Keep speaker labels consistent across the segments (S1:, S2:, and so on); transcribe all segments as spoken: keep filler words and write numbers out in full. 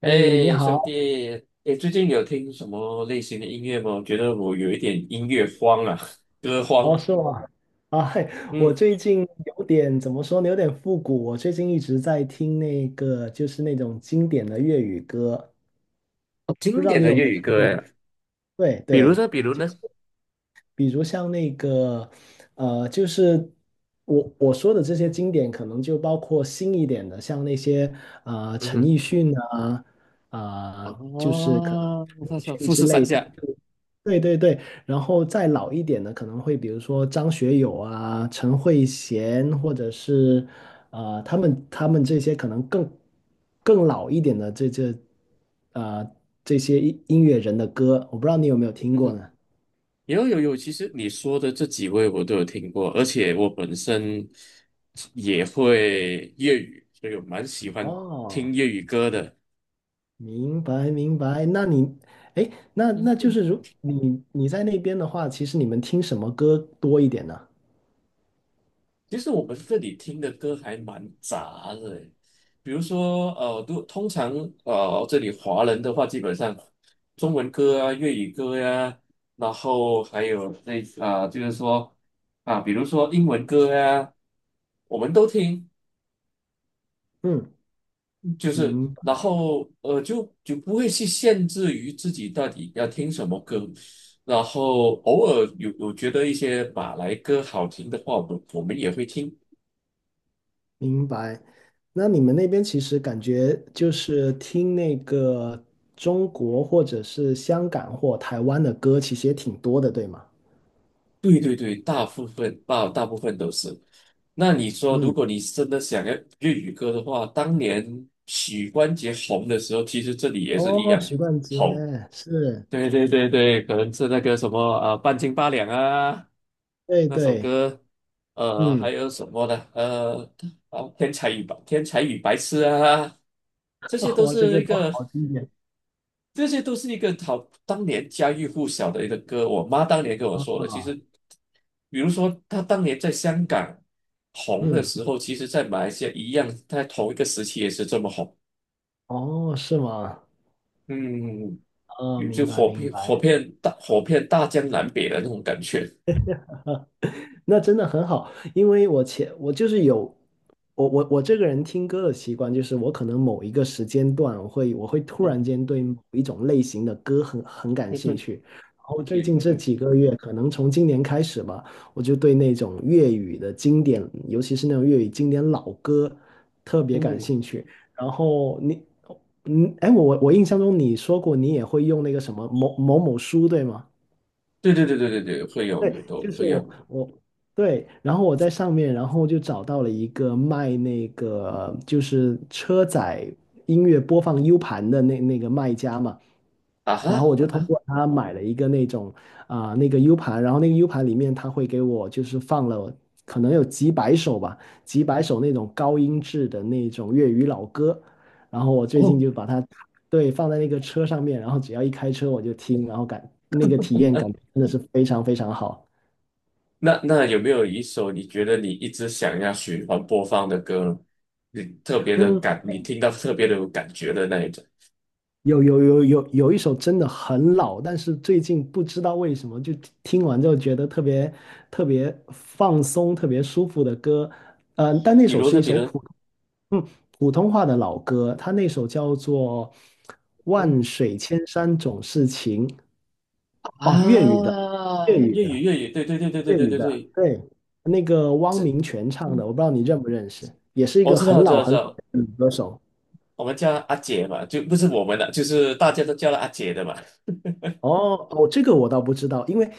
S1: 哎，你
S2: 哎，
S1: 好。
S2: 兄弟，哎，最近有听什么类型的音乐吗？我觉得我有一点音乐荒啊，歌荒。
S1: 哦，是我啊，嘿，我
S2: 嗯，
S1: 最近有点怎么说呢，有点复古。我最近一直在听那个，就是那种经典的粤语歌，
S2: 哦
S1: 不
S2: 经
S1: 知道
S2: 典
S1: 你
S2: 的
S1: 有没
S2: 粤
S1: 有
S2: 语
S1: 听
S2: 歌
S1: 过？
S2: 哎，
S1: 对
S2: 比如
S1: 对，
S2: 说，比如
S1: 就是。
S2: 呢，
S1: 比如像那个，呃，就是我我说的这些经典，可能就包括新一点的，像那些呃
S2: 嗯
S1: 陈
S2: 哼，
S1: 奕迅啊，呃，就是可能
S2: 哦，
S1: 陈 奕迅
S2: 富
S1: 之
S2: 士山
S1: 类的，
S2: 下，
S1: 就对对对。然后再老一点的，可能会比如说张学友啊、陈慧娴，或者是呃他们他们这些可能更更老一点的这这呃这些音音乐人的歌，我不知道你有没有听
S2: 嗯
S1: 过
S2: 哼，
S1: 呢？
S2: 有有有，其实你说的这几位我都有听过，而且我本身也会粤语，所以我蛮喜欢听
S1: 哦，
S2: 粤语歌的。
S1: 明白明白。那你，哎，那那就是如你你在那边的话，其实你们听什么歌多一点呢？
S2: 其实我们这里听的歌还蛮杂的诶，比如说呃，都通常呃，这里华人的话，基本上中文歌啊、粤语歌呀、然后还有那啊、就是说啊，比如说英文歌呀、我们都听，
S1: 嗯，
S2: 就是
S1: 明
S2: 然
S1: 白
S2: 后呃，就就不会去限制于自己到底要听什么歌，然后偶尔有有觉得一些马来歌好听的话，我们我们也会听。
S1: 明白。那你们那边其实感觉就是听那个中国或者是香港或台湾的歌，其实也挺多的，对吗？
S2: 对对对，大部分大大部分都是。那你说，如
S1: 嗯，
S2: 果你真的想要粤语歌的话，当年许冠杰红的时候，其实这里也是一
S1: 哦，
S2: 样
S1: 许冠杰
S2: 红。
S1: 是，
S2: 对对对对，可能是那个什么啊，半斤八两》啊，
S1: 对
S2: 那首
S1: 对，
S2: 歌，呃，还
S1: 嗯，
S2: 有什么呢？呃，哦，天才与白天才与白痴》啊，这些都
S1: 哇，这个
S2: 是一
S1: 都
S2: 个。
S1: 好经典
S2: 这些都是一个好当年家喻户晓的一个歌。我妈当年跟我说的，其实，
S1: 啊。
S2: 比如说她当年在香港红的
S1: 嗯，
S2: 时候，其实在马来西亚一样，在同一个时期也是这么红。
S1: 哦，是吗？
S2: 嗯，
S1: 啊，
S2: 有就
S1: 明白
S2: 火
S1: 明
S2: 遍火
S1: 白。
S2: 遍大火遍大江南北的那种感觉。
S1: 那真的很好，因为我前我就是有我我我这个人听歌的习惯，就是我可能某一个时间段我会我会突然
S2: 嗯
S1: 间对某一种类型的歌很很感
S2: 嗯
S1: 兴
S2: 哼，
S1: 趣，然后最
S2: 也
S1: 近
S2: 那
S1: 这
S2: 个
S1: 几个月，可能从今年开始吧，我就对那种粤语的经典，尤其是那种粤语经典老歌特别感
S2: 嗯，
S1: 兴趣。然后你嗯，哎，我我我印象中你说过你也会用那个什么某某某书，对吗？
S2: 对对对对对对，会有
S1: 对，
S2: 很都
S1: 就是
S2: 会
S1: 我
S2: 有
S1: 我对，然后我在上面，然后就找到了一个卖那个就是车载音乐播放 U 盘的那那个卖家嘛。
S2: 啊哈
S1: 然后我
S2: 啊
S1: 就通
S2: 哈
S1: 过他买了一个那种啊、那个 U 盘，然后那个 U 盘里面他会给我就是放了可能有几百首吧，几百首那种高音质的那种粤语老歌，然后我最近
S2: 哦，
S1: 就把它对，放在那个车上面，然后只要一开车我就听，然后感那个体验感真的是非常非常好。
S2: 那那有没有一首你觉得你一直想要循环播放的歌呢？你特别的
S1: 嗯，
S2: 感，你听到特别的有感觉的那一种，
S1: 有有有有有一首真的很老，但是最近不知道为什么就听完之后觉得特别特别放松、特别舒服的歌。嗯、但那
S2: 比
S1: 首
S2: 如
S1: 是
S2: 呢，
S1: 一
S2: 比
S1: 首
S2: 如，
S1: 普嗯普通话的老歌，它那首叫做《万
S2: 嗯
S1: 水千山总是情》。哦，粤语的，
S2: 啊，
S1: 粤语
S2: 粤
S1: 的。
S2: 语粤语，对对对对对
S1: 粤
S2: 对
S1: 语
S2: 对
S1: 的，
S2: 对，
S1: 对，那个汪明荃唱的，
S2: 嗯，
S1: 我不知道你认不认识，也是一
S2: 我
S1: 个
S2: 知道
S1: 很
S2: 知
S1: 老
S2: 道知
S1: 很老
S2: 道，
S1: 的女歌手。
S2: 我们叫她阿姐嘛，就不是我们的，就是大家都叫了阿姐的嘛，
S1: 哦哦，这个我倒不知道。因为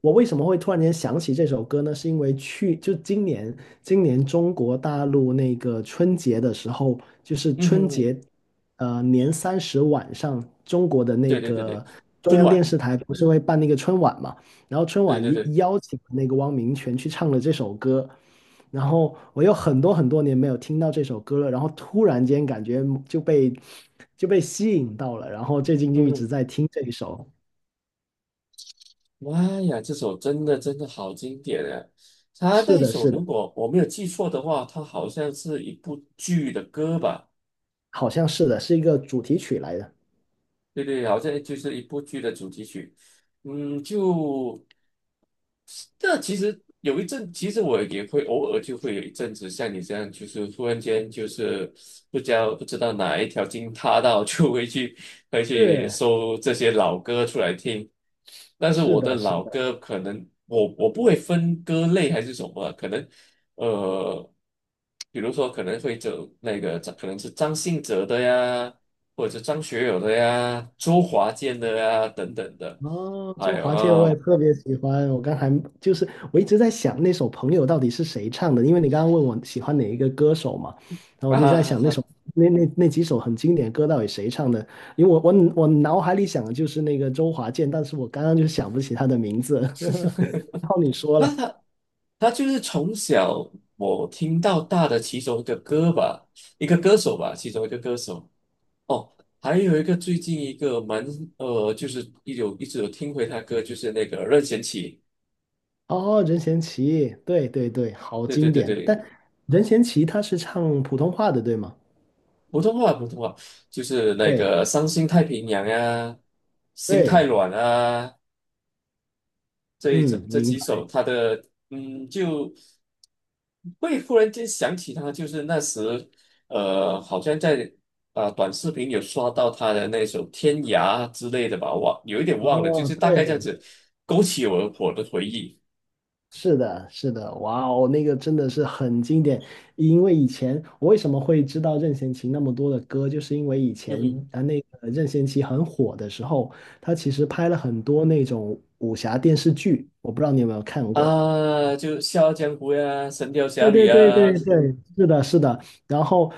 S1: 我为什么会突然间想起这首歌呢？是因为去就今年今年中国大陆那个春节的时候，就是
S2: 嗯哼
S1: 春
S2: 哼，
S1: 节呃年三十晚上，中国的那
S2: 对对对对，
S1: 个中
S2: 春
S1: 央电
S2: 晚，
S1: 视台不是会办那个春晚嘛？然后春
S2: 对
S1: 晚
S2: 对对，
S1: 邀邀请那个汪明荃去唱了这首歌，然后我有很多很多年没有听到这首歌了，然后突然间感觉就被就被吸引到了，然后最近就
S2: 嗯
S1: 一直
S2: 哼。
S1: 在听这一首。
S2: 妈呀，这首真的真的好经典啊！他
S1: 是
S2: 那一
S1: 的，
S2: 首
S1: 是的，
S2: 如果我没有记错的话，他好像是一部剧的歌吧？
S1: 好像是的，是一个主题曲来的。
S2: 对对，好像就是一部剧的主题曲。嗯，就这其实有一阵，其实我也会偶尔就会有一阵子像你这样，就是突然间就是不知道不知道哪一条筋塌到，就会去会去
S1: 是，
S2: 搜这些老歌出来听。但是
S1: 是
S2: 我的
S1: 的，是
S2: 老
S1: 的。
S2: 歌可能我我不会分歌类还是什么，可能呃，比如说可能会走那个张可能是张信哲的呀，或者是张学友的呀，周华健的呀等等的，
S1: 哦，
S2: 还
S1: 周
S2: 有
S1: 华健我也
S2: 啊。
S1: 特别喜欢。我刚才就是我一直在想那首《朋友》到底是谁唱的，因为你刚刚问我喜欢哪一个歌手嘛，然后我
S2: 啊，
S1: 就在想那首
S2: 啊
S1: 那那那几首很经典的歌到底谁唱的？因为我我我脑海里想的就是那个周华健，但是我刚刚就想不起他的名字。然后你说了，
S2: 他就是从小我听到大的其中一个歌吧，一个歌手吧，其中一个歌手。哦，还有一个最近一个蛮呃，就是一有一直有听回他歌，就是那个任贤齐。
S1: 哦，任贤齐，对对对，好
S2: 对对
S1: 经
S2: 对
S1: 典。
S2: 对，
S1: 但任贤齐他是唱普通话的，对吗？
S2: 普通话普通话，就是那
S1: 对
S2: 个《伤心太平洋》啊，《心
S1: 对，
S2: 太软》啊，这一种
S1: 嗯，
S2: 这
S1: 明
S2: 几
S1: 白。
S2: 首，他的嗯，就会忽然间想起他，就是那时呃，好像在呃短视频有刷到他的那首《天涯》之类的吧，忘有一点忘了，就
S1: 哦，
S2: 是大概这样
S1: 对，
S2: 子勾起我我的回忆。
S1: 是的，是的，哇哦，那个真的是很经典。因为以前我为什么会知道任贤齐那么多的歌，就是因为以
S2: 嗯
S1: 前
S2: 哼，
S1: 啊，那个任贤齐很火的时候，他其实拍了很多那种武侠电视剧，我不知道你有没有看过。
S2: 啊，就《笑傲江湖》呀，《神雕侠
S1: 对
S2: 侣》
S1: 对对
S2: 啊，
S1: 对对，是的，是的。然后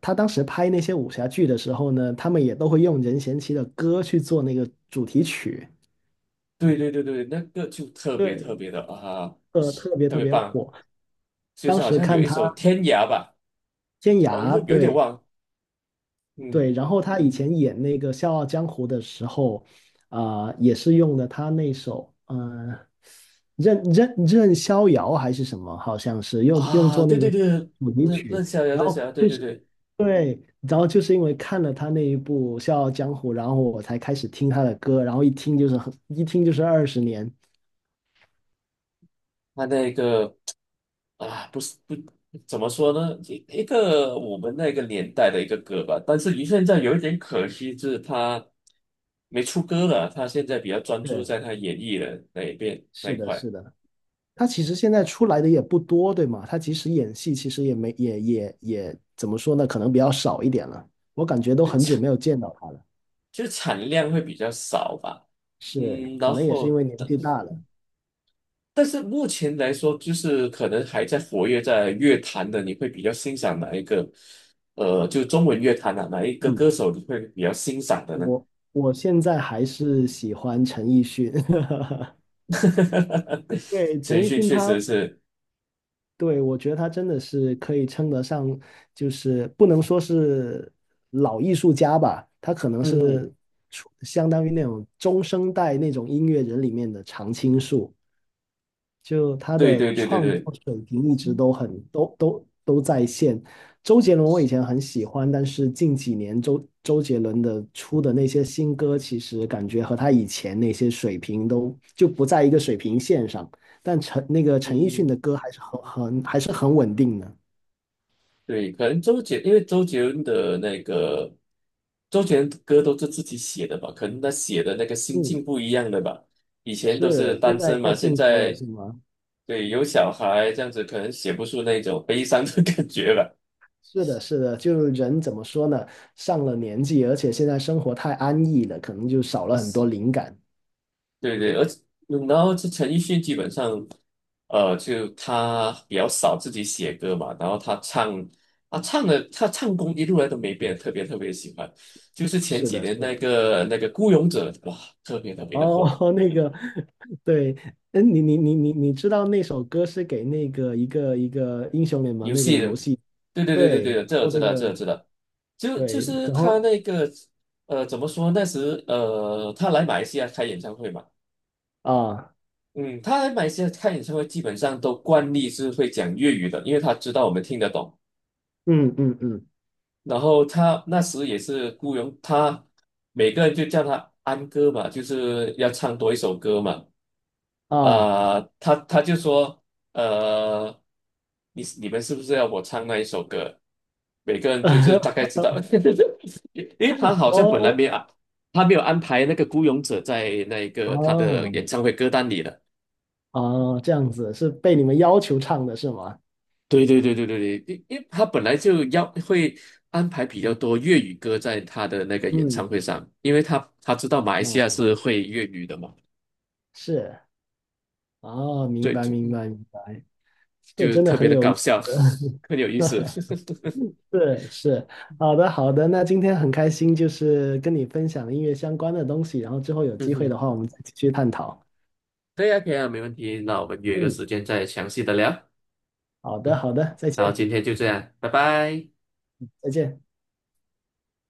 S1: 他当时拍那些武侠剧的时候呢，他们也都会用任贤齐的歌去做那个主题曲。
S2: 对对对对，那个就特别特
S1: 对，
S2: 别的啊，
S1: 呃，特别
S2: 特
S1: 特
S2: 别
S1: 别
S2: 棒，
S1: 火。
S2: 就
S1: 当
S2: 是好
S1: 时
S2: 像有
S1: 看
S2: 一
S1: 他
S2: 首《天涯》吧，
S1: 天
S2: 忘
S1: 涯，
S2: 了有点
S1: 对
S2: 忘，
S1: 对，
S2: 嗯。
S1: 然后他以前演那个《笑傲江湖》的时候，啊、也是用的他那首，嗯、任任任逍遥还是什么，好像是用用
S2: 啊，
S1: 作
S2: 对
S1: 那个
S2: 对对，
S1: 主题
S2: 那那
S1: 曲，
S2: 逍遥，
S1: 然
S2: 那
S1: 后
S2: 逍遥，对
S1: 就
S2: 对
S1: 是
S2: 对，
S1: 对，然后就是因为看了他那一部《笑傲江湖》，然后我才开始听他的歌，然后一听就是很，一听就是二十年，
S2: 他那个啊，不是不怎么说呢，一一个我们那个年代的一个歌吧，但是于现在有一点可惜，就是他没出歌了，他现在比较专注
S1: 对，
S2: 在他演艺的那一边那
S1: 是
S2: 一
S1: 的，
S2: 块，
S1: 是的。他其实现在出来的也不多，对吗？他即使演戏，其实也没也也也怎么说呢？可能比较少一点了。我感觉都
S2: 就
S1: 很久
S2: 产
S1: 没有见到他了，
S2: 就产量会比较少吧，
S1: 是，
S2: 嗯，
S1: 可
S2: 然
S1: 能也是因
S2: 后。
S1: 为年纪大了。
S2: 但是目前来说，就是可能还在活跃在乐坛的，你会比较欣赏哪一个？呃，就中文乐坛啊，哪一个
S1: 嗯，
S2: 歌手你会比较欣赏的呢？
S1: 我我现在还是喜欢陈奕迅。对，
S2: 陈
S1: 陈
S2: 奕
S1: 奕
S2: 迅
S1: 迅
S2: 确实
S1: 他，
S2: 是，
S1: 对，我觉得他真的是可以称得上，就是不能说是老艺术家吧，他可能
S2: 嗯，
S1: 是出相当于那种中生代那种音乐人里面的常青树。就他
S2: 对
S1: 的
S2: 对对对
S1: 创
S2: 对，
S1: 作水平一直都很都都都在线。周杰伦我以前很喜欢，但是近几年周周杰伦的出的那些新歌，其实感觉和他以前那些水平都就不在一个水平线上。但陈那个陈奕迅
S2: 嗯。
S1: 的歌还是很很还是很稳定的。
S2: 对，可能周杰，因为周杰伦的那个周杰伦的歌都是自己写的吧，可能他写的那个心
S1: 嗯，
S2: 境不一样的吧。以前都是
S1: 是，现
S2: 单
S1: 在
S2: 身
S1: 太
S2: 嘛，现
S1: 幸福了，
S2: 在
S1: 是吗？
S2: 对有小孩这样子，可能写不出那种悲伤的 感觉了。
S1: 是的，是的，就是人怎么说呢？上了年纪，而且现在生活太安逸了，可能就少了很多灵感。
S2: 对对，而且嗯然后这陈奕迅基本上，呃，就他比较少自己写歌嘛，然后他唱，他唱的他唱功一路来都没变，特别特别喜欢。就是前
S1: 是
S2: 几
S1: 的，
S2: 年
S1: 是
S2: 那
S1: 的。
S2: 个那个《孤勇者》，哇，特别特别的
S1: 哦，
S2: 火，
S1: 那个，对，嗯，你你你你你知道那首歌是给那个一个一个英雄联盟
S2: 游
S1: 那个
S2: 戏的，
S1: 游戏，
S2: 对对对对
S1: 对，
S2: 对，这我
S1: 做
S2: 知
S1: 那
S2: 道，这我
S1: 个
S2: 知道，就就
S1: 对，
S2: 是
S1: 然
S2: 他
S1: 后
S2: 那个，呃，怎么说？那时呃，他来马来西亚开演唱会嘛。
S1: 啊，
S2: 嗯，他来马来西亚开演唱会，基本上都惯例是会讲粤语的，因为他知道我们听得懂。
S1: 嗯嗯嗯
S2: 然后他那时也是雇佣他，每个人就叫他安哥嘛，就是要唱多一首歌嘛。
S1: 啊，
S2: 啊、他他就说，呃，你你们是不是要我唱那一首歌？每个人就是大概知道，因为他好像本来
S1: 哦
S2: 没有安，他没有安排那个孤勇者在那个他的
S1: 哦
S2: 演唱会歌单里的。
S1: 哦，这样子是被你们要求唱的是吗？
S2: 对对对对对对，因因为他本来就要会安排比较多粤语歌在他的那个演唱
S1: 嗯，
S2: 会上，因为他他知道马来西亚
S1: 哦，
S2: 是会粤语的嘛，
S1: 是，哦，明
S2: 对，
S1: 白
S2: 就
S1: 明
S2: 嗯
S1: 白明白，这个
S2: 就
S1: 真的
S2: 特别
S1: 很
S2: 的
S1: 有意
S2: 搞
S1: 思。
S2: 笑，很有意思。
S1: 是是，好的好的，那今天很开心，就是跟你分享音乐相关的东西，然后之后有
S2: 嗯
S1: 机会的
S2: 哼，
S1: 话，我们再继续探讨。
S2: 对呀，可以啊，没问题。那我们约个
S1: 嗯，
S2: 时间再详细的聊。
S1: 好的
S2: 嗯，
S1: 好的，再
S2: 然后
S1: 见
S2: 今天就这样，拜拜。
S1: 再见。